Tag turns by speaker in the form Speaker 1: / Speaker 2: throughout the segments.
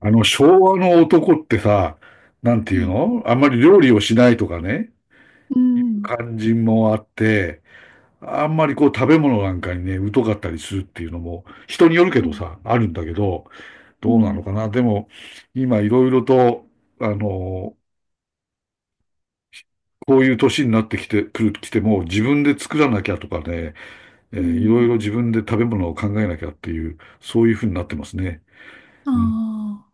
Speaker 1: 昭和の男ってさ、なんて
Speaker 2: は
Speaker 1: いう
Speaker 2: い。
Speaker 1: のあんまり料理をしないとかね、
Speaker 2: うん。
Speaker 1: 感じもあって、あんまりこう食べ物なんかにね、疎かったりするっていうのも、人によるけ
Speaker 2: は
Speaker 1: ど
Speaker 2: い。
Speaker 1: さ、あるんだけど、
Speaker 2: う
Speaker 1: どうな
Speaker 2: ん。
Speaker 1: のかな。でも、今いろいろと、あの、こういう年になってきて、来ても、自分で作らなきゃとかね、
Speaker 2: う
Speaker 1: いろ
Speaker 2: ん。
Speaker 1: いろ自分で食べ物を考えなきゃっていう、そういうふうになってますね。
Speaker 2: あ
Speaker 1: うん。
Speaker 2: あ。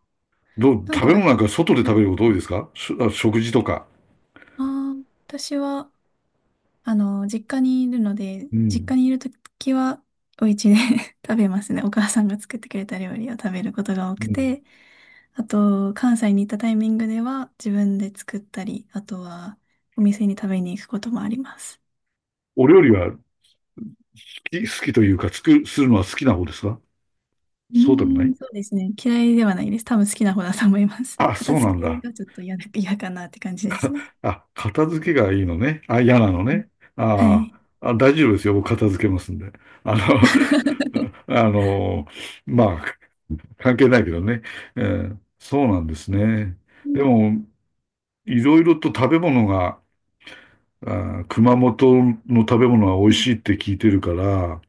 Speaker 1: どう、
Speaker 2: なん
Speaker 1: 食
Speaker 2: か、
Speaker 1: べ
Speaker 2: あ
Speaker 1: 物なんか外で食べること多いですか？しあ食事とか。
Speaker 2: 私は、あの、実家にいるので、
Speaker 1: う
Speaker 2: 実
Speaker 1: ん。
Speaker 2: 家にいるときは、お家で 食べますね。お母さんが作ってくれた料理を食べることが多
Speaker 1: う
Speaker 2: く
Speaker 1: ん。
Speaker 2: て、あと、関西に行ったタイミングでは、自分で作ったり、あとは、お店に食べに行くこともあります。
Speaker 1: お料理は好きというか、作するのは好きな方ですか？
Speaker 2: う
Speaker 1: そうでもな
Speaker 2: ー
Speaker 1: い。
Speaker 2: そうですね。嫌いではないです。多分好きな方だと思います。
Speaker 1: あ、
Speaker 2: 片
Speaker 1: そうな
Speaker 2: 付
Speaker 1: ん
Speaker 2: け
Speaker 1: だ。
Speaker 2: がちょっと嫌かなって感じですね。
Speaker 1: あ、片付けがいいのね。あ、嫌なの
Speaker 2: うん。
Speaker 1: ね。
Speaker 2: は
Speaker 1: あ
Speaker 2: い。
Speaker 1: あ、大丈夫ですよ。僕片付けますんで。あの、あの、まあ、関係ないけどね。そうなんですね。
Speaker 2: う
Speaker 1: で
Speaker 2: ん。
Speaker 1: も、いろいろと食べ物が、熊本の食べ物は美
Speaker 2: は
Speaker 1: 味し
Speaker 2: い。
Speaker 1: いって聞いてるから、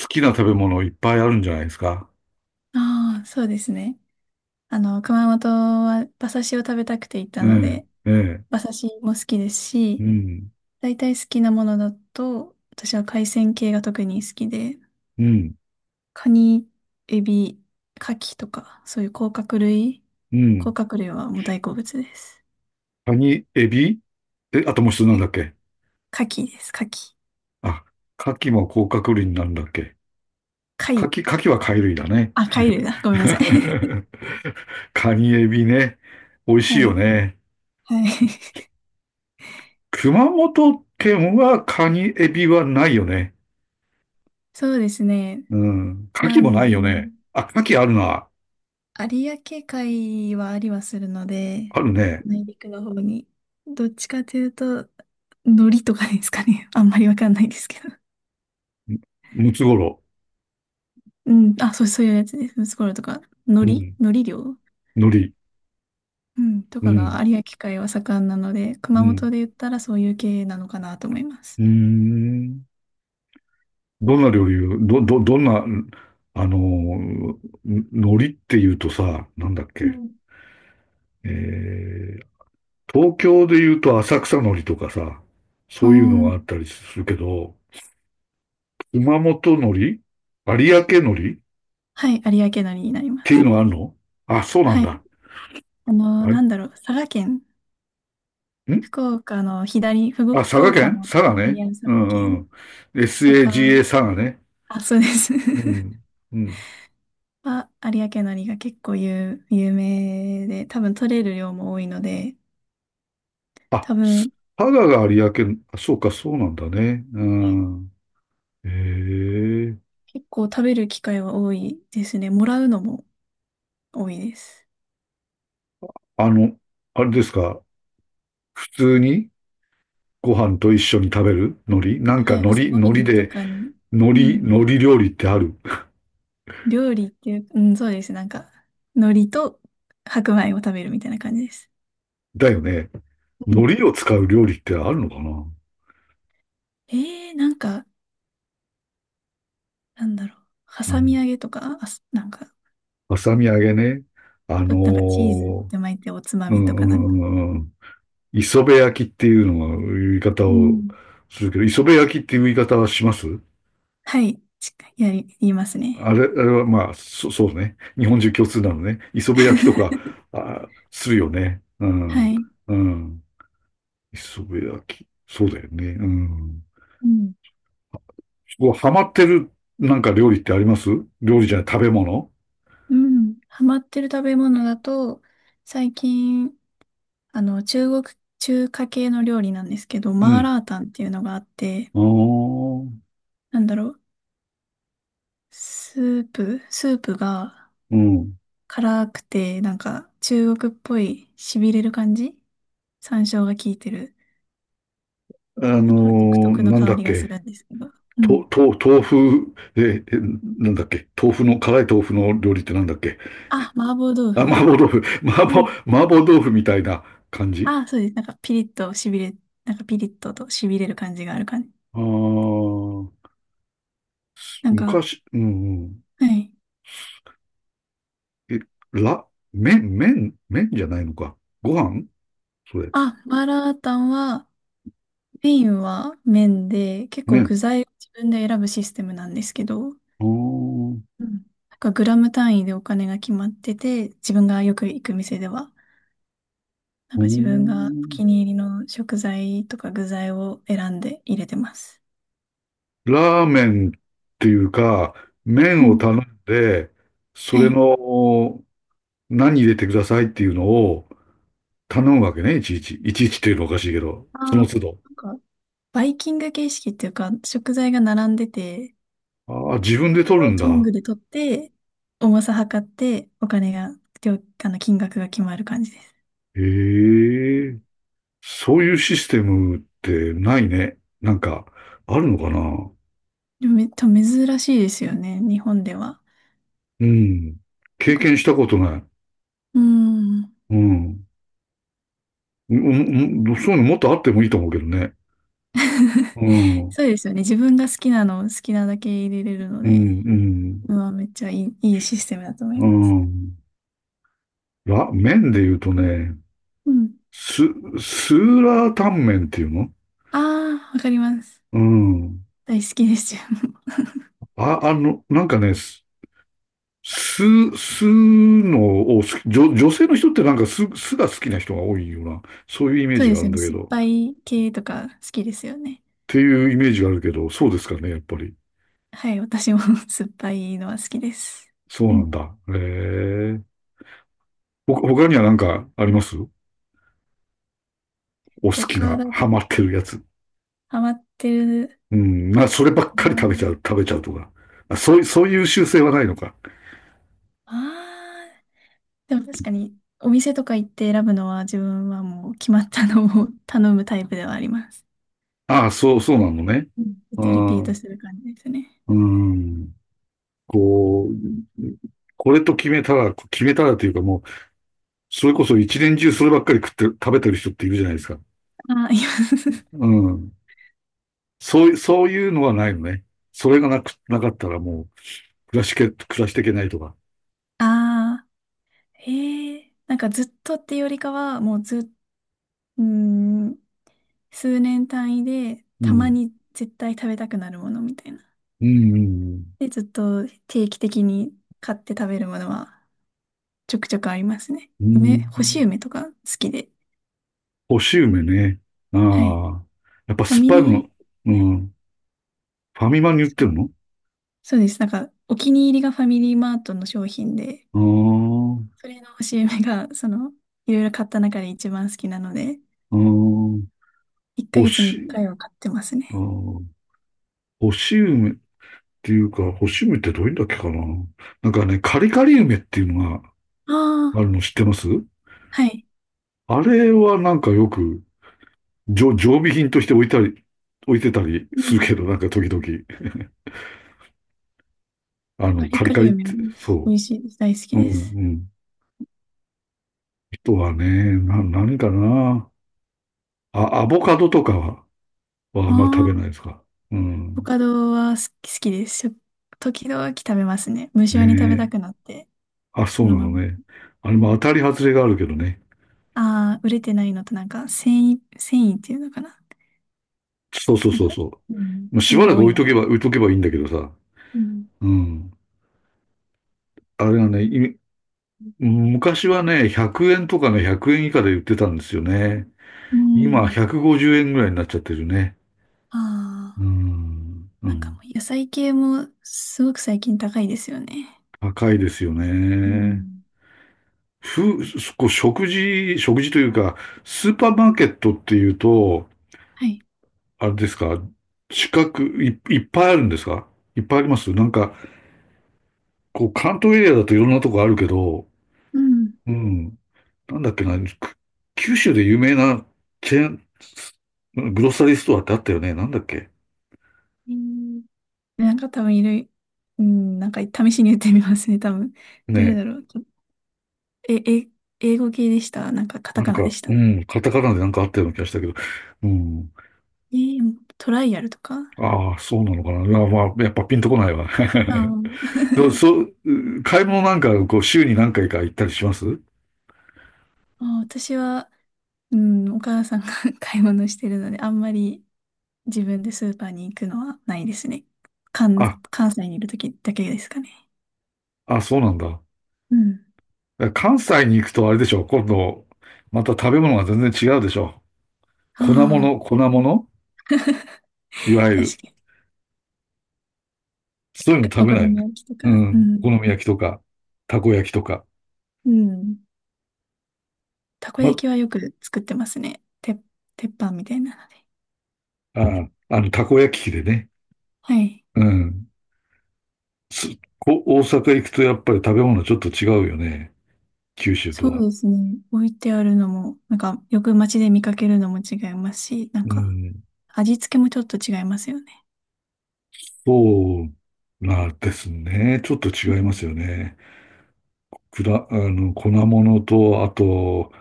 Speaker 1: 好きな食べ物いっぱいあるんじゃないですか。
Speaker 2: ああ、そうですね。あの、熊本は馬刺しを食べたくて行った
Speaker 1: え
Speaker 2: の
Speaker 1: え、
Speaker 2: で、
Speaker 1: ええ、
Speaker 2: 馬刺しも好きです
Speaker 1: う
Speaker 2: し、
Speaker 1: ん、
Speaker 2: 大体好きなものだと、私は海鮮系が特に好きで、
Speaker 1: うん。
Speaker 2: カニ、エビ、カキとか、そういう甲殻類。
Speaker 1: う
Speaker 2: 甲
Speaker 1: ん。
Speaker 2: 殻類はもう大好物です。
Speaker 1: カニ、エビ、あともう一つなん
Speaker 2: か
Speaker 1: だっけ？
Speaker 2: カキです、カキ。
Speaker 1: あ、カキも甲殻類になるんだっけ？
Speaker 2: 貝。
Speaker 1: カキは貝類だね。
Speaker 2: あ、貝類だ。ごめんなさい。
Speaker 1: カニ、エビね。美味 しい
Speaker 2: は
Speaker 1: よ
Speaker 2: い。
Speaker 1: ね。
Speaker 2: はい。
Speaker 1: 熊本県はカニ、エビはないよね。
Speaker 2: そうですね。
Speaker 1: うん。カキ
Speaker 2: な
Speaker 1: もないよね。
Speaker 2: ん、
Speaker 1: あ、カキあるな。
Speaker 2: 有明海はありはするので、
Speaker 1: あるね。
Speaker 2: 内陸の方に。どっちかというと、海苔とかですかね。あんまりわかんないですけど。
Speaker 1: ムムツゴロ
Speaker 2: うん。あ、そういうやつです。ムツゴロウとか。
Speaker 1: ウ。う
Speaker 2: 海苔
Speaker 1: ん。
Speaker 2: 海苔漁
Speaker 1: 海苔。
Speaker 2: うん。と
Speaker 1: う
Speaker 2: かが
Speaker 1: ん。
Speaker 2: 有明海は盛んなので、
Speaker 1: う
Speaker 2: 熊
Speaker 1: ん。
Speaker 2: 本で言ったらそういう系なのかなと思いま
Speaker 1: う
Speaker 2: す。
Speaker 1: ーん。どんな料理を、どんな、あのー、海苔って言うとさ、なんだっ
Speaker 2: う
Speaker 1: け。
Speaker 2: ん。
Speaker 1: えー、東京で言うと浅草海苔とかさ、
Speaker 2: う
Speaker 1: そういうのがあっ
Speaker 2: ん。
Speaker 1: たりするけど、熊本海苔有明海苔っ
Speaker 2: はい。有明海苔になりま
Speaker 1: ていう
Speaker 2: す。
Speaker 1: のがあるの？あ、そうなん
Speaker 2: はい。
Speaker 1: だ。
Speaker 2: あの、
Speaker 1: あれ、
Speaker 2: なんだろう。佐賀県。
Speaker 1: んあ、佐
Speaker 2: 福
Speaker 1: 賀
Speaker 2: 岡
Speaker 1: 県
Speaker 2: の
Speaker 1: 佐賀ね。
Speaker 2: 佐
Speaker 1: う
Speaker 2: 賀
Speaker 1: ん
Speaker 2: 県
Speaker 1: うん。
Speaker 2: とか、
Speaker 1: SAGA 佐賀ね。
Speaker 2: あ、そうです。
Speaker 1: うん。うん。
Speaker 2: あ、有明海苔が結構有、有名で、多分取れる量も多いので、
Speaker 1: あ、
Speaker 2: 多
Speaker 1: 佐
Speaker 2: 分、
Speaker 1: 賀が有明、あそうか、そうなんだね。う
Speaker 2: はい。
Speaker 1: ん。へえ。
Speaker 2: 結構食べる機会は多いですね。もらうのも多いです。
Speaker 1: あの、あれですか？普通にご飯と一緒に食べる海苔なんか
Speaker 2: はい、朝ご
Speaker 1: 海
Speaker 2: は
Speaker 1: 苔
Speaker 2: んと
Speaker 1: で、
Speaker 2: かに。
Speaker 1: 海
Speaker 2: うん。
Speaker 1: 海苔料理ってある？
Speaker 2: 料理っていう、うん、そうです。なんか、海苔と白米を食べるみたいな感じです。
Speaker 1: だよね。
Speaker 2: うん。
Speaker 1: 海苔を使う料理ってあるのかな？
Speaker 2: えー、なんか、なんだろう。
Speaker 1: う
Speaker 2: 挟み
Speaker 1: ん。
Speaker 2: 揚げとか、あ、すなんか、
Speaker 1: はさみ揚げね。あの
Speaker 2: なんかチーズっ
Speaker 1: ー
Speaker 2: て巻いておつま
Speaker 1: う
Speaker 2: みと
Speaker 1: んう
Speaker 2: かなんか。
Speaker 1: んうんうん。磯辺焼きっていうのが言い方
Speaker 2: う
Speaker 1: を
Speaker 2: ん。
Speaker 1: するけど、磯辺焼きっていう言い方はします？
Speaker 2: はい、しっかりやり、言います
Speaker 1: あ
Speaker 2: ね。
Speaker 1: れ、あれはまあ、そうね。日本中共通なのね。磯辺焼きとか、あ、するよね。う
Speaker 2: は
Speaker 1: ん。
Speaker 2: い。
Speaker 1: うん。磯辺焼き。そうだよね。うん。
Speaker 2: うん。
Speaker 1: こうハマってるなんか料理ってあります？料理じゃない、食べ物？
Speaker 2: うん。ハマってる食べ物だと、最近、あの、中華系の料理なんですけど、
Speaker 1: う
Speaker 2: マー
Speaker 1: ん。
Speaker 2: ラータンっていうのがあって、
Speaker 1: ああ、
Speaker 2: なんだろう、スープが
Speaker 1: うん。
Speaker 2: 辛くて、なんか中国っぽい痺れる感じ、山椒が効いてる。なんか独特の
Speaker 1: なん
Speaker 2: 香
Speaker 1: だっ
Speaker 2: りがす
Speaker 1: け。
Speaker 2: るんですけど。うん。
Speaker 1: 豆腐、なんだっけ。豆腐の、辛い豆腐の料理ってなんだっけ。
Speaker 2: あ、麻婆豆
Speaker 1: あ、麻
Speaker 2: 腐。
Speaker 1: 婆豆腐。
Speaker 2: うん。
Speaker 1: 麻婆豆腐みたいな感じ。
Speaker 2: あ、そうです。なんかピリッと痺れ、なんかピリッと痺れる感じがある感じ。
Speaker 1: ああ、
Speaker 2: なんか、
Speaker 1: 昔、うんうん。
Speaker 2: はい。
Speaker 1: え、ら、麺じゃないのか。ご飯それ。
Speaker 2: あ、マーラータンは、麺は麺で、結構
Speaker 1: 麺。
Speaker 2: 具材を自分で選ぶシステムなんですけど、
Speaker 1: ああ。
Speaker 2: うん、なんかグラム単位でお金が決まってて、自分がよく行く店では、なん
Speaker 1: うー
Speaker 2: か自分がお気
Speaker 1: ん。
Speaker 2: に入りの食材とか具材を選んで入れてます。
Speaker 1: ラーメンっていうか、
Speaker 2: う
Speaker 1: 麺を
Speaker 2: ん。
Speaker 1: 頼んで、そ
Speaker 2: は
Speaker 1: れ
Speaker 2: い。
Speaker 1: の何入れてくださいっていうのを頼むわけね、いちいち。いちいちっていうのおかしいけど、
Speaker 2: あ
Speaker 1: そ
Speaker 2: あ、
Speaker 1: の
Speaker 2: な
Speaker 1: 都度。
Speaker 2: んか、バイキング形式っていうか、食材が並んでて、
Speaker 1: ああ、自分で
Speaker 2: それ
Speaker 1: 取る
Speaker 2: を
Speaker 1: ん
Speaker 2: トン
Speaker 1: だ。
Speaker 2: グで取って、重さ測って、お金が、料あの、金額が決まる感じです。
Speaker 1: へえ、そういうシステムってないね。なんか、あるのかな？
Speaker 2: でもめっちゃ珍しいですよね、日本では。
Speaker 1: うん。
Speaker 2: なん
Speaker 1: 経
Speaker 2: か、
Speaker 1: 験したことない。
Speaker 2: うーん。
Speaker 1: うん。うん、うん、そういうのもっとあってもいいと思うけどね。うん。うん、
Speaker 2: そうですよね。自分が好きなのを好きなだけ入れれるの
Speaker 1: う
Speaker 2: で、
Speaker 1: ん。
Speaker 2: うん、めっちゃいい、いいシステムだと思い
Speaker 1: う
Speaker 2: ます。
Speaker 1: ん。いや、麺で言うとね、
Speaker 2: うん。
Speaker 1: ス、スーラータンメンっていうの？
Speaker 2: ああ、わかります。
Speaker 1: うん。
Speaker 2: 大好きですよ。
Speaker 1: あ、なんかね、スのを好き、女性の人ってなんかスが好きな人が多いような、そういうイメー
Speaker 2: そう
Speaker 1: ジ
Speaker 2: で
Speaker 1: があ
Speaker 2: す
Speaker 1: るん
Speaker 2: よね。
Speaker 1: だけ
Speaker 2: 酸っ
Speaker 1: ど、
Speaker 2: ぱ
Speaker 1: っ
Speaker 2: い系とか好きですよね。
Speaker 1: ていうイメージがあるけど、そうですかね、やっぱり。
Speaker 2: はい、私も 酸っぱいのは好きです。
Speaker 1: そう
Speaker 2: う
Speaker 1: なん
Speaker 2: ん。
Speaker 1: だ。へえ。他にはなんかあります？お好き
Speaker 2: 他
Speaker 1: な、
Speaker 2: だ、
Speaker 1: ハマってるやつ。
Speaker 2: ハマってる。
Speaker 1: うん、そればっかり食べちゃうとか。まあ、そういう習性はないのか。
Speaker 2: ああ、でも確かに、お店とか行って選ぶのは自分はもう決まったのを 頼むタイプではあります。
Speaker 1: ああ、そうなのね。
Speaker 2: うん、ずっ
Speaker 1: う
Speaker 2: とリピート
Speaker 1: ん。
Speaker 2: する感じですね。
Speaker 1: うーん。こう、これと決めたら、決めたらというかもう、それこそ一年中そればっかり食って、食べてる人っているじゃないですか。
Speaker 2: ああ、います。
Speaker 1: うん。そういうのはないのね。それがなく、なかったらもう、暮らしていけないとか。
Speaker 2: ああ、へえ。なんかずっとっていうよりかは、もうずっ、うーん、数年単位で、
Speaker 1: う
Speaker 2: たま
Speaker 1: ん。
Speaker 2: に絶対食べたくなるものみたいな。
Speaker 1: うん、うん、
Speaker 2: で、ずっと定期的に買って食べるものはちょくちょくありますね。
Speaker 1: うん。う
Speaker 2: 干し
Speaker 1: ん。
Speaker 2: 梅とか好きで。
Speaker 1: 干し梅ね。あ
Speaker 2: はい。
Speaker 1: あ。やっぱ
Speaker 2: ファ
Speaker 1: 酸っ
Speaker 2: ミ
Speaker 1: ぱい
Speaker 2: リ
Speaker 1: もの、う
Speaker 2: ー、はい。
Speaker 1: ん。ファミマに売ってるの？
Speaker 2: そうです。なんか、お気に入りがファミリーマートの商品で、
Speaker 1: ああー、
Speaker 2: それの CM が、その、いろいろ買った中で一番好きなので、
Speaker 1: うん。
Speaker 2: 1
Speaker 1: 干
Speaker 2: ヶ月に1
Speaker 1: し、
Speaker 2: 回は買ってますね。
Speaker 1: ああ、干し梅、っていうか、干し梅ってどういうんだっけかな。なんかね、カリカリ梅っていうのが
Speaker 2: あ
Speaker 1: ある
Speaker 2: あ、
Speaker 1: の知ってます？
Speaker 2: はい。
Speaker 1: あれはなんかよく、常備品として置いたり、置いてたり
Speaker 2: う
Speaker 1: する
Speaker 2: ん。
Speaker 1: けど、なんか時々、
Speaker 2: カリ
Speaker 1: カリ
Speaker 2: カ
Speaker 1: カ
Speaker 2: リ
Speaker 1: リっ
Speaker 2: 梅
Speaker 1: て、
Speaker 2: も美
Speaker 1: そ
Speaker 2: 味しいです。大好き
Speaker 1: う。う
Speaker 2: です。
Speaker 1: んうん。人はね、何かな。あ、アボカドとかは、あんまり食
Speaker 2: あ
Speaker 1: べ
Speaker 2: あ、
Speaker 1: ないですか。う
Speaker 2: コ
Speaker 1: ん。
Speaker 2: カドは好き、好きです。時々食べますね。無
Speaker 1: ね
Speaker 2: 性に食べた
Speaker 1: え。
Speaker 2: くなって、
Speaker 1: あ、そ
Speaker 2: そ
Speaker 1: う
Speaker 2: の
Speaker 1: な
Speaker 2: ま
Speaker 1: の
Speaker 2: ま。
Speaker 1: ね。あれ
Speaker 2: う
Speaker 1: も当
Speaker 2: ん。
Speaker 1: たり外れがあるけどね。
Speaker 2: ああ、売れてないのとなんか、繊維っていうのかな。
Speaker 1: そうそう
Speaker 2: なん
Speaker 1: そう
Speaker 2: か、
Speaker 1: そう。
Speaker 2: うん、
Speaker 1: まあ
Speaker 2: そ
Speaker 1: し
Speaker 2: れ
Speaker 1: ばら
Speaker 2: が
Speaker 1: く
Speaker 2: 多いのがね。
Speaker 1: 置いとけばいいんだけどさ。
Speaker 2: うん。
Speaker 1: うん。あれがね、昔はね、100円とかね、100円以下で売ってたんですよね。
Speaker 2: う
Speaker 1: 今、
Speaker 2: ん。
Speaker 1: 150円ぐらいになっちゃってるね。
Speaker 2: あ
Speaker 1: う
Speaker 2: あ。
Speaker 1: ん。う
Speaker 2: なんか
Speaker 1: ん。
Speaker 2: もう野菜系もすごく最近高いですよね。
Speaker 1: 高いですよ
Speaker 2: う
Speaker 1: ね。
Speaker 2: ん。
Speaker 1: ふ、こう食事というか、スーパーマーケットっていうと、
Speaker 2: はい。
Speaker 1: あれですか、近く、いっぱいあるんですか？いっぱいありますなんか、こう、関東エリアだといろんなとこあるけど、
Speaker 2: うん。
Speaker 1: うん。なんだっけな、九州で有名なチェーン、グロッサリーストアってあったよね。なんだっけ
Speaker 2: えー、なんか多分いる、うん、なんか試しに言ってみますね、多分。どれ
Speaker 1: ね？
Speaker 2: だろう。え、英語系でした？なんかカタ
Speaker 1: なん
Speaker 2: カナ
Speaker 1: か、
Speaker 2: でした？
Speaker 1: うん、カタカナでなんかあったような気がしたけど、うん。
Speaker 2: えートライアルとか。
Speaker 1: ああ、そうなのかな。いや、まあ、やっぱピンとこないわ。
Speaker 2: あー、
Speaker 1: どうそう、買い物なんか、こう、週に何回か行ったりします？
Speaker 2: あー、私は、うん、お母さんが 買い物してるので、あんまり自分でスーパーに行くのはないですね。関、
Speaker 1: あ、
Speaker 2: 関西にいるときだけですかね。
Speaker 1: あ、そうなんだ。
Speaker 2: うん。
Speaker 1: 関西に行くとあれでしょ。今度、また食べ物が全然違うでしょ。
Speaker 2: あ
Speaker 1: 粉物いわ
Speaker 2: あ、
Speaker 1: ゆ
Speaker 2: 確
Speaker 1: る。
Speaker 2: かに。
Speaker 1: そういうの食
Speaker 2: お
Speaker 1: べ
Speaker 2: 好
Speaker 1: ない？
Speaker 2: み焼きと
Speaker 1: う
Speaker 2: か。う
Speaker 1: ん。お
Speaker 2: ん。
Speaker 1: 好み焼きとか、たこ焼きとか。
Speaker 2: うん。たこ
Speaker 1: ま、
Speaker 2: 焼きはよく作ってますね。鉄板みたいなので。
Speaker 1: たこ焼き器でね。
Speaker 2: はい。
Speaker 1: うん。す大阪行くとやっぱり食べ物ちょっと違うよね。九州と
Speaker 2: そう
Speaker 1: は。
Speaker 2: ですね。置いてあるのも、なんか、よく街で見かけるのも違いますし、なん
Speaker 1: う
Speaker 2: か、
Speaker 1: ん。
Speaker 2: 味付けもちょっと違いますよね。
Speaker 1: そうなんですね。ちょっと
Speaker 2: う
Speaker 1: 違います
Speaker 2: ん。
Speaker 1: よね。くだ、あの、粉物と、あと、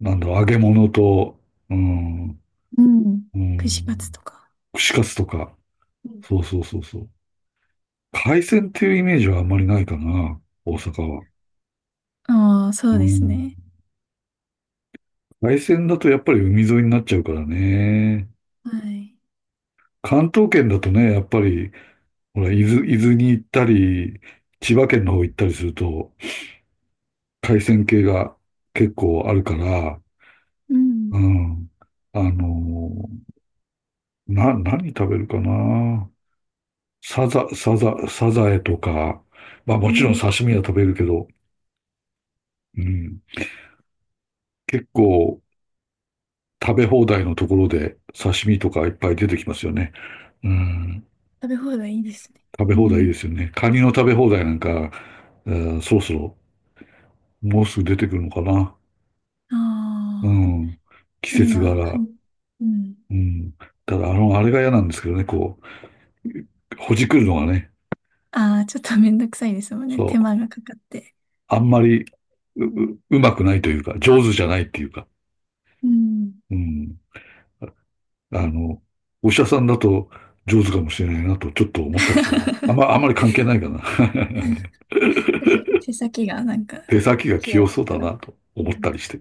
Speaker 1: なんだろう、揚げ物と、うん、
Speaker 2: うん。
Speaker 1: う
Speaker 2: 串カツ
Speaker 1: ん、
Speaker 2: とか。
Speaker 1: 串カツとか。そうそうそうそう。海鮮っていうイメージはあんまりないかな、大阪は。
Speaker 2: ああー、そう
Speaker 1: う
Speaker 2: です
Speaker 1: ん。
Speaker 2: ね。
Speaker 1: 海鮮だとやっぱり海沿いになっちゃうからね。
Speaker 2: はい。
Speaker 1: 関東圏だとね、やっぱりほら、伊豆に行ったり、千葉県の方行ったりすると、海鮮系が結構あるから、
Speaker 2: うん。
Speaker 1: うん。あの何食べるかな。サザエとか、まあ
Speaker 2: え
Speaker 1: もちろん
Speaker 2: ー、
Speaker 1: 刺身は食べるけど、うん。結構食べ放題のところで刺身とかいっぱい出てきますよね。うん。
Speaker 2: 食べ放題いいですね。
Speaker 1: 食べ
Speaker 2: う
Speaker 1: 放題いい
Speaker 2: ん。
Speaker 1: ですよね。カニの食べ放題なんか、うん。そろそろもうすぐ出てくるのかな。う
Speaker 2: ああ、
Speaker 1: ん。季
Speaker 2: いい
Speaker 1: 節
Speaker 2: な、か
Speaker 1: 柄。
Speaker 2: ん、うん。
Speaker 1: うん。ただ、あれが嫌なんですけどね、こう、ほじくるのがね、
Speaker 2: ああ、ちょっとめんどくさいですもんね。
Speaker 1: そ
Speaker 2: 手
Speaker 1: う、
Speaker 2: 間がかかって。
Speaker 1: あんまりう、うまくないというか、上手じゃないっていうか、
Speaker 2: うん。
Speaker 1: うん。あの、お医者さんだと上手かもしれないなと、ちょっと思ったりして、あん まり関係ないかな。
Speaker 2: 手先がなんか、
Speaker 1: 手先が
Speaker 2: 器
Speaker 1: 器
Speaker 2: 用
Speaker 1: 用
Speaker 2: だっ
Speaker 1: そう
Speaker 2: た
Speaker 1: だ
Speaker 2: ら。
Speaker 1: な
Speaker 2: う
Speaker 1: と思った
Speaker 2: ん。
Speaker 1: りして。